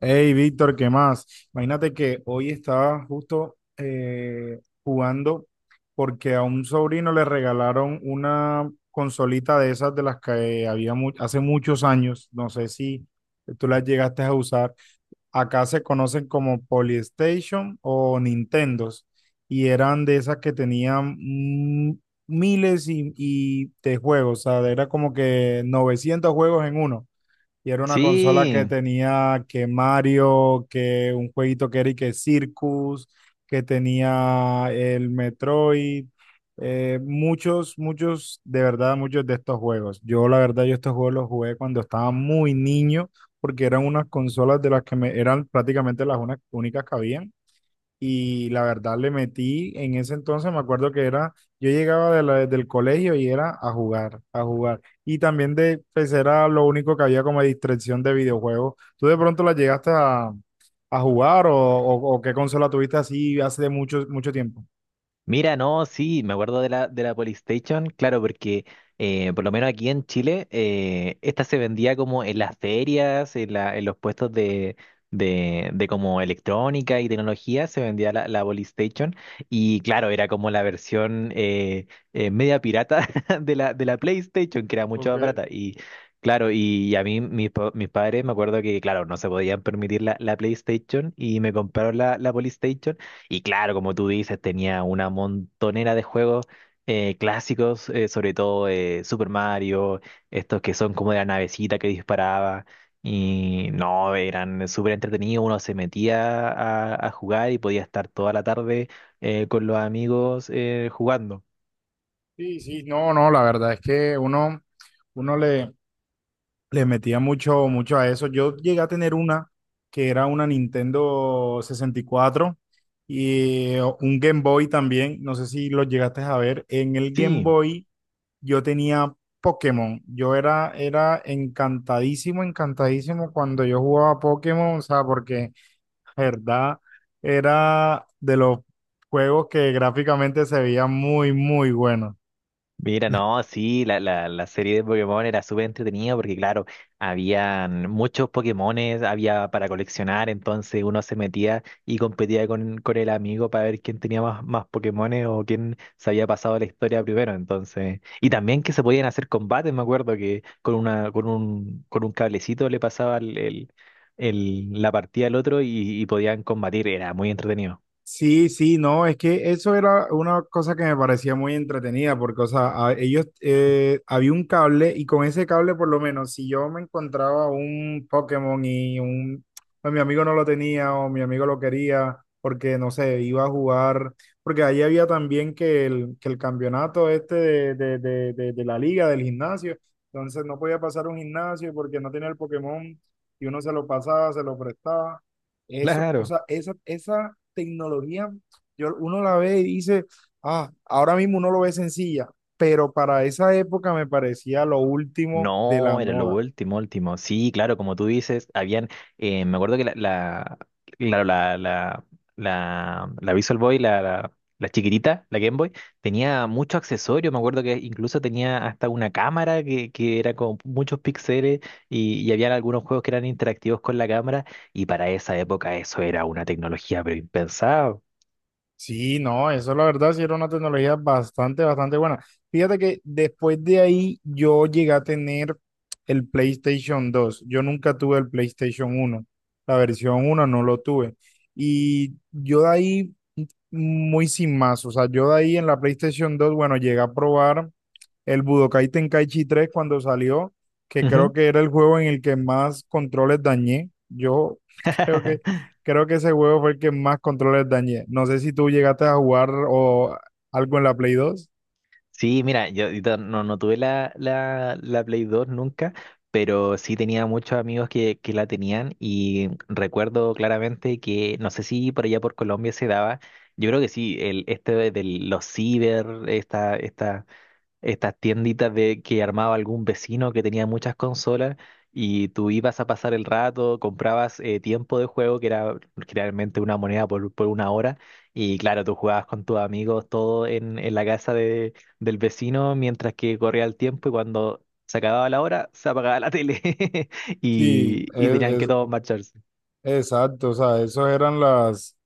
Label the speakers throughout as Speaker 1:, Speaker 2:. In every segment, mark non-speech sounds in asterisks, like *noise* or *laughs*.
Speaker 1: Hey, Víctor, ¿qué más? Imagínate que hoy estaba justo jugando porque a un sobrino le regalaron una consolita de esas de las que había hace muchos años. No sé si tú las llegaste a usar. Acá se conocen como PlayStation o Nintendos y eran de esas que tenían miles y de juegos. O sea, era como que 900 juegos en uno. Y era una consola que
Speaker 2: Sí,
Speaker 1: tenía que Mario, que un jueguito que era y que Circus, que tenía el Metroid, muchos, muchos, de verdad, muchos de estos juegos. Yo, la verdad, yo estos juegos los jugué cuando estaba muy niño, porque eran unas consolas de las que me, eran prácticamente las únicas que habían, y la verdad le metí en ese entonces. Me acuerdo que era, yo llegaba del colegio y era a jugar, a jugar. Y también de, pues era lo único que había como distracción de videojuegos. ¿Tú de pronto la llegaste a jugar o qué consola tuviste así hace mucho, mucho tiempo?
Speaker 2: mira, no, sí, me acuerdo de la Polystation, claro, porque por lo menos aquí en Chile, esta se vendía como en las ferias, en los puestos de como electrónica y tecnología, se vendía la Polystation, y claro, era como la versión media pirata *laughs* de la PlayStation, que era mucho más
Speaker 1: Ok,
Speaker 2: barata, y claro, y, a mí, mis, pa- mis padres, me acuerdo que, claro, no se podían permitir la PlayStation, y me compraron la Polystation. Y claro, como tú dices, tenía una montonera de juegos clásicos, sobre todo Super Mario, estos que son como de la navecita que disparaba. Y no, eran súper entretenidos, uno se metía a jugar y podía estar toda la tarde con los amigos jugando.
Speaker 1: sí, sí, no, no, la verdad es que uno le metía mucho, mucho a eso. Yo llegué a tener una que era una Nintendo 64 y un Game Boy también. No sé si lo llegaste a ver. En el Game
Speaker 2: Sí.
Speaker 1: Boy yo tenía Pokémon. Yo era encantadísimo, encantadísimo cuando yo jugaba Pokémon. O sea, porque la verdad era de los juegos que gráficamente se veía muy, muy bueno.
Speaker 2: Mira, no, sí, la serie de Pokémon era súper entretenida porque, claro, habían muchos Pokémones, había para coleccionar, entonces uno se metía y competía con el amigo para ver quién tenía más Pokémones o quién se había pasado la historia primero, entonces. Y también que se podían hacer combates, me acuerdo que con un cablecito le pasaba la partida al otro y podían combatir, era muy entretenido.
Speaker 1: Sí, sí, no, es que eso era una cosa que me parecía muy entretenida, porque, o sea, ellos, había un cable y con ese cable, por lo menos, si yo me encontraba un Pokémon o mi amigo no lo tenía o mi amigo lo quería, porque, no sé, iba a jugar, porque ahí había también que el, campeonato este de la liga, del gimnasio, entonces no podía pasar un gimnasio porque no tenía el Pokémon y uno se lo pasaba, se lo prestaba. Eso, o
Speaker 2: Claro.
Speaker 1: sea, esa tecnología, yo, uno la ve y dice, ah, ahora mismo uno lo ve sencilla, pero para esa época me parecía lo último de la
Speaker 2: No, era lo
Speaker 1: moda.
Speaker 2: último, último. Sí, claro, como tú dices, habían, me acuerdo que claro, la Visual Boy, la chiquitita, la Game Boy, tenía mucho accesorio. Me acuerdo que incluso tenía hasta una cámara que era con muchos píxeles y habían algunos juegos que eran interactivos con la cámara y para esa época eso era una tecnología pero impensado.
Speaker 1: Sí, no, eso la verdad sí era una tecnología bastante, bastante buena. Fíjate que después de ahí yo llegué a tener el PlayStation 2. Yo nunca tuve el PlayStation 1. La versión uno no lo tuve. Y yo de ahí muy sin más. O sea, yo de ahí en la PlayStation 2, bueno, llegué a probar el Budokai Tenkaichi 3 cuando salió, que creo
Speaker 2: Ujú.
Speaker 1: que era el juego en el que más controles dañé. Yo *laughs* creo que,
Speaker 2: *laughs*
Speaker 1: creo que ese juego fue el que más controles dañé. No sé si tú llegaste a jugar o algo en la Play 2.
Speaker 2: Sí, mira, no, no tuve la Play dos nunca, pero sí tenía muchos amigos que la tenían y recuerdo claramente que, no sé si por allá por Colombia se daba, yo creo que sí, este de los ciber, estas tienditas de que armaba algún vecino que tenía muchas consolas y tú ibas a pasar el rato, comprabas tiempo de juego, que era generalmente una moneda por una hora, y claro, tú jugabas con tus amigos todo en la casa del vecino mientras que corría el tiempo y cuando se acababa la hora, se apagaba la tele *laughs*
Speaker 1: Sí,
Speaker 2: y tenían que
Speaker 1: es-
Speaker 2: todos marcharse.
Speaker 1: exacto, o sea, esos eran las,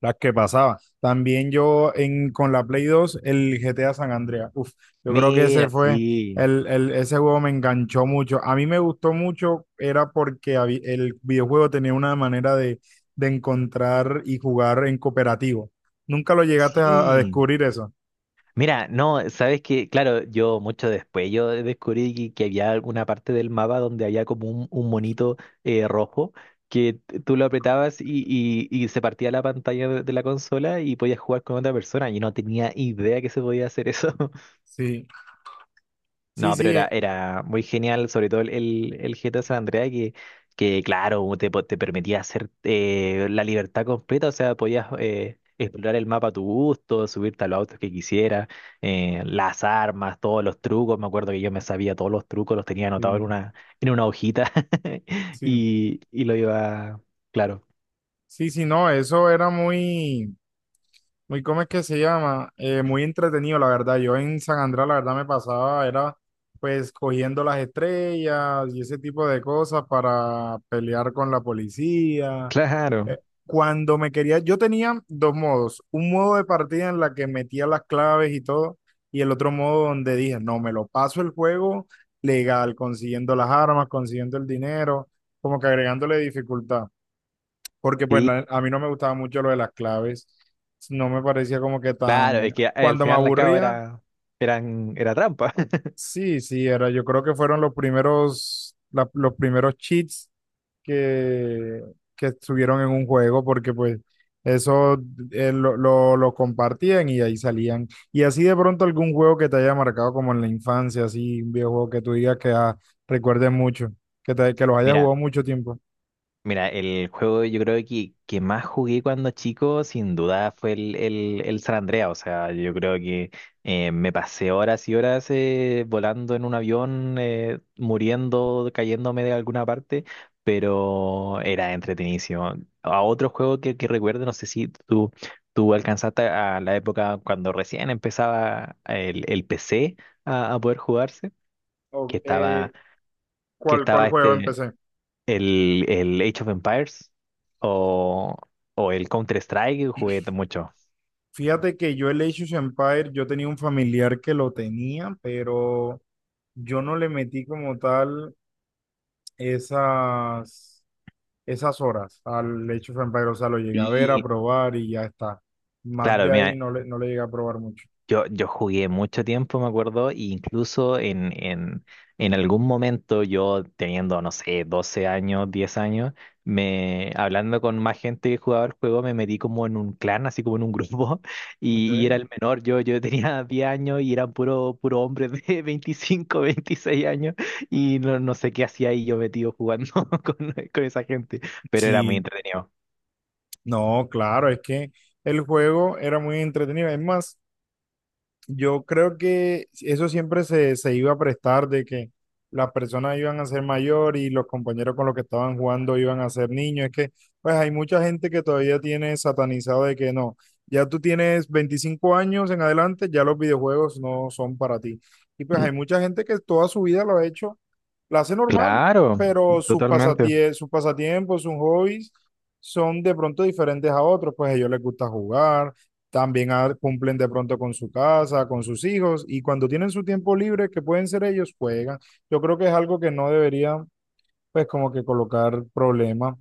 Speaker 1: Las que pasaba. También yo con la Play 2 el GTA San Andreas. Uf, yo creo que ese
Speaker 2: Mira,
Speaker 1: fue,
Speaker 2: sí,
Speaker 1: el- ese juego me enganchó mucho. A mí me gustó mucho, era porque el videojuego tenía una manera de encontrar y jugar en cooperativo. ¿Nunca lo llegaste a
Speaker 2: sí.
Speaker 1: descubrir eso?
Speaker 2: Mira, no, sabes que, claro, yo mucho después yo descubrí que había alguna parte del mapa donde había como un monito rojo que tú lo apretabas y se partía la pantalla de la consola y podías jugar con otra persona. Yo no tenía idea que se podía hacer eso.
Speaker 1: Sí, sí,
Speaker 2: No, pero
Speaker 1: sí,
Speaker 2: era, era muy genial, sobre todo el GTA San Andreas, que claro, te permitía hacer la libertad completa, o sea, podías explorar el mapa a tu gusto, subirte a los autos que quisieras, las armas, todos los trucos, me acuerdo que yo me sabía todos los trucos, los tenía anotados
Speaker 1: sí,
Speaker 2: en una hojita *laughs*
Speaker 1: sí,
Speaker 2: y lo iba, claro,
Speaker 1: sí, sí, no, Muy, ¿cómo es que se llama? Muy entretenido, la verdad. Yo en San Andrés, la verdad, me pasaba, era pues cogiendo las estrellas y ese tipo de cosas para pelear con la policía.
Speaker 2: claro,
Speaker 1: Eh, Cuando me quería, yo tenía dos modos. Un modo de partida en la que metía las claves y todo, y el otro modo donde dije, no, me lo paso el juego legal, consiguiendo las armas, consiguiendo el dinero, como que agregándole dificultad, porque pues
Speaker 2: sí,
Speaker 1: a mí no me gustaba mucho lo de las claves. No me parecía como que
Speaker 2: claro,
Speaker 1: tan,
Speaker 2: es que al
Speaker 1: cuando me
Speaker 2: final la cabo
Speaker 1: aburría,
Speaker 2: era trampa. *laughs*
Speaker 1: sí, sí, era. Yo creo que fueron los primeros, los primeros cheats que, que estuvieron en un juego, porque pues eso lo compartían y ahí salían. Y así de pronto algún juego que te haya marcado como en la infancia, así un videojuego que tú digas que ah, recuerdes mucho, que los hayas
Speaker 2: Mira.
Speaker 1: jugado mucho tiempo.
Speaker 2: Mira, el juego yo creo que más jugué cuando chico, sin duda, fue el San Andreas. O sea, yo creo que me pasé horas y horas volando en un avión, muriendo, cayéndome de alguna parte, pero era entretenidísimo. A otro juego que recuerdo, no sé si tú alcanzaste a la época cuando recién empezaba el PC a poder jugarse, que
Speaker 1: Oh,
Speaker 2: estaba, que
Speaker 1: ¿cuál
Speaker 2: estaba
Speaker 1: juego
Speaker 2: este.
Speaker 1: empecé?
Speaker 2: El Age of Empires o, o el Counter-Strike jugué mucho.
Speaker 1: Fíjate que yo el Age of Empires, yo tenía un familiar que lo tenía, pero yo no le metí como tal esas, esas, horas al Age of Empires. O sea, lo llegué a ver, a
Speaker 2: Y
Speaker 1: probar y ya está. Más
Speaker 2: claro,
Speaker 1: de ahí
Speaker 2: mira,
Speaker 1: no le llegué a probar mucho.
Speaker 2: yo jugué mucho tiempo, me acuerdo, e incluso en algún momento yo teniendo, no sé, 12 años, 10 años, hablando con más gente que jugaba el juego, me metí como en un clan, así como en un grupo, *laughs*
Speaker 1: ¿Ok?
Speaker 2: y era el menor, yo tenía 10 años y eran puro, puro hombres de 25 26 años, y no, no sé qué hacía ahí yo metido jugando *laughs* con esa gente, pero era muy
Speaker 1: Sí,
Speaker 2: entretenido.
Speaker 1: no, claro, es que el juego era muy entretenido. Es más, yo creo que eso siempre se iba a prestar de que las personas iban a ser mayor y los compañeros con los que estaban jugando iban a ser niños. Es que, pues, hay mucha gente que todavía tiene satanizado de que no, ya tú tienes 25 años en adelante, ya los videojuegos no son para ti. Y pues
Speaker 2: Mm,
Speaker 1: hay mucha gente que toda su vida lo ha hecho, la hace normal,
Speaker 2: claro,
Speaker 1: pero
Speaker 2: totalmente.
Speaker 1: sus pasatiempos, sus hobbies son de pronto diferentes a otros. Pues a ellos les gusta jugar también cumplen de pronto con su casa, con sus hijos, y cuando tienen su tiempo libre, que pueden ser ellos, juegan. Yo creo que es algo que no debería, pues, como que colocar problema.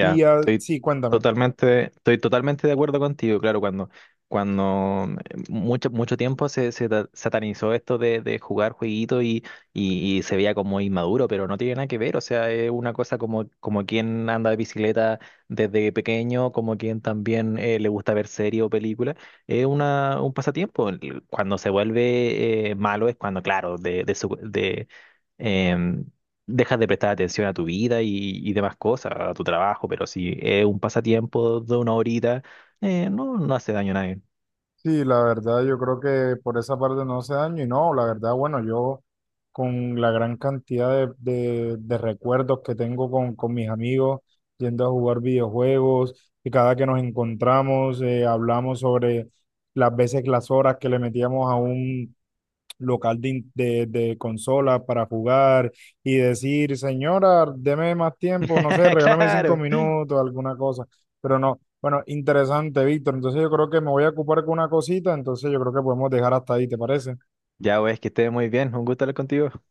Speaker 1: Y ah, sí, cuéntame.
Speaker 2: estoy totalmente de acuerdo contigo. Claro, cuando mucho, mucho tiempo satanizó esto de jugar jueguito y se veía como inmaduro, pero no tiene nada que ver. O sea, es una cosa como quien anda de bicicleta desde pequeño, como quien también le gusta ver serie o película. Es un pasatiempo. Cuando se vuelve malo es cuando, claro, de, su- de, em, dejas de prestar atención a tu vida y demás cosas, a tu trabajo, pero si es un pasatiempo de una horita, no, no hace daño a nadie.
Speaker 1: Sí, la verdad, yo creo que por esa parte no hace daño, y no, la verdad, bueno, yo con la gran cantidad de recuerdos que tengo con mis amigos, yendo a jugar videojuegos, y cada que nos encontramos, hablamos sobre las veces, las horas que le metíamos a un local de consolas para jugar y decir, señora, deme más tiempo, no sé,
Speaker 2: *laughs*
Speaker 1: regálame cinco
Speaker 2: Claro.
Speaker 1: minutos, alguna cosa, pero no. Bueno, interesante, Víctor. Entonces yo creo que me voy a ocupar con una cosita, entonces yo creo que podemos dejar hasta ahí, ¿te parece?
Speaker 2: Ya, pues, que estés muy bien. Un gusto hablar contigo.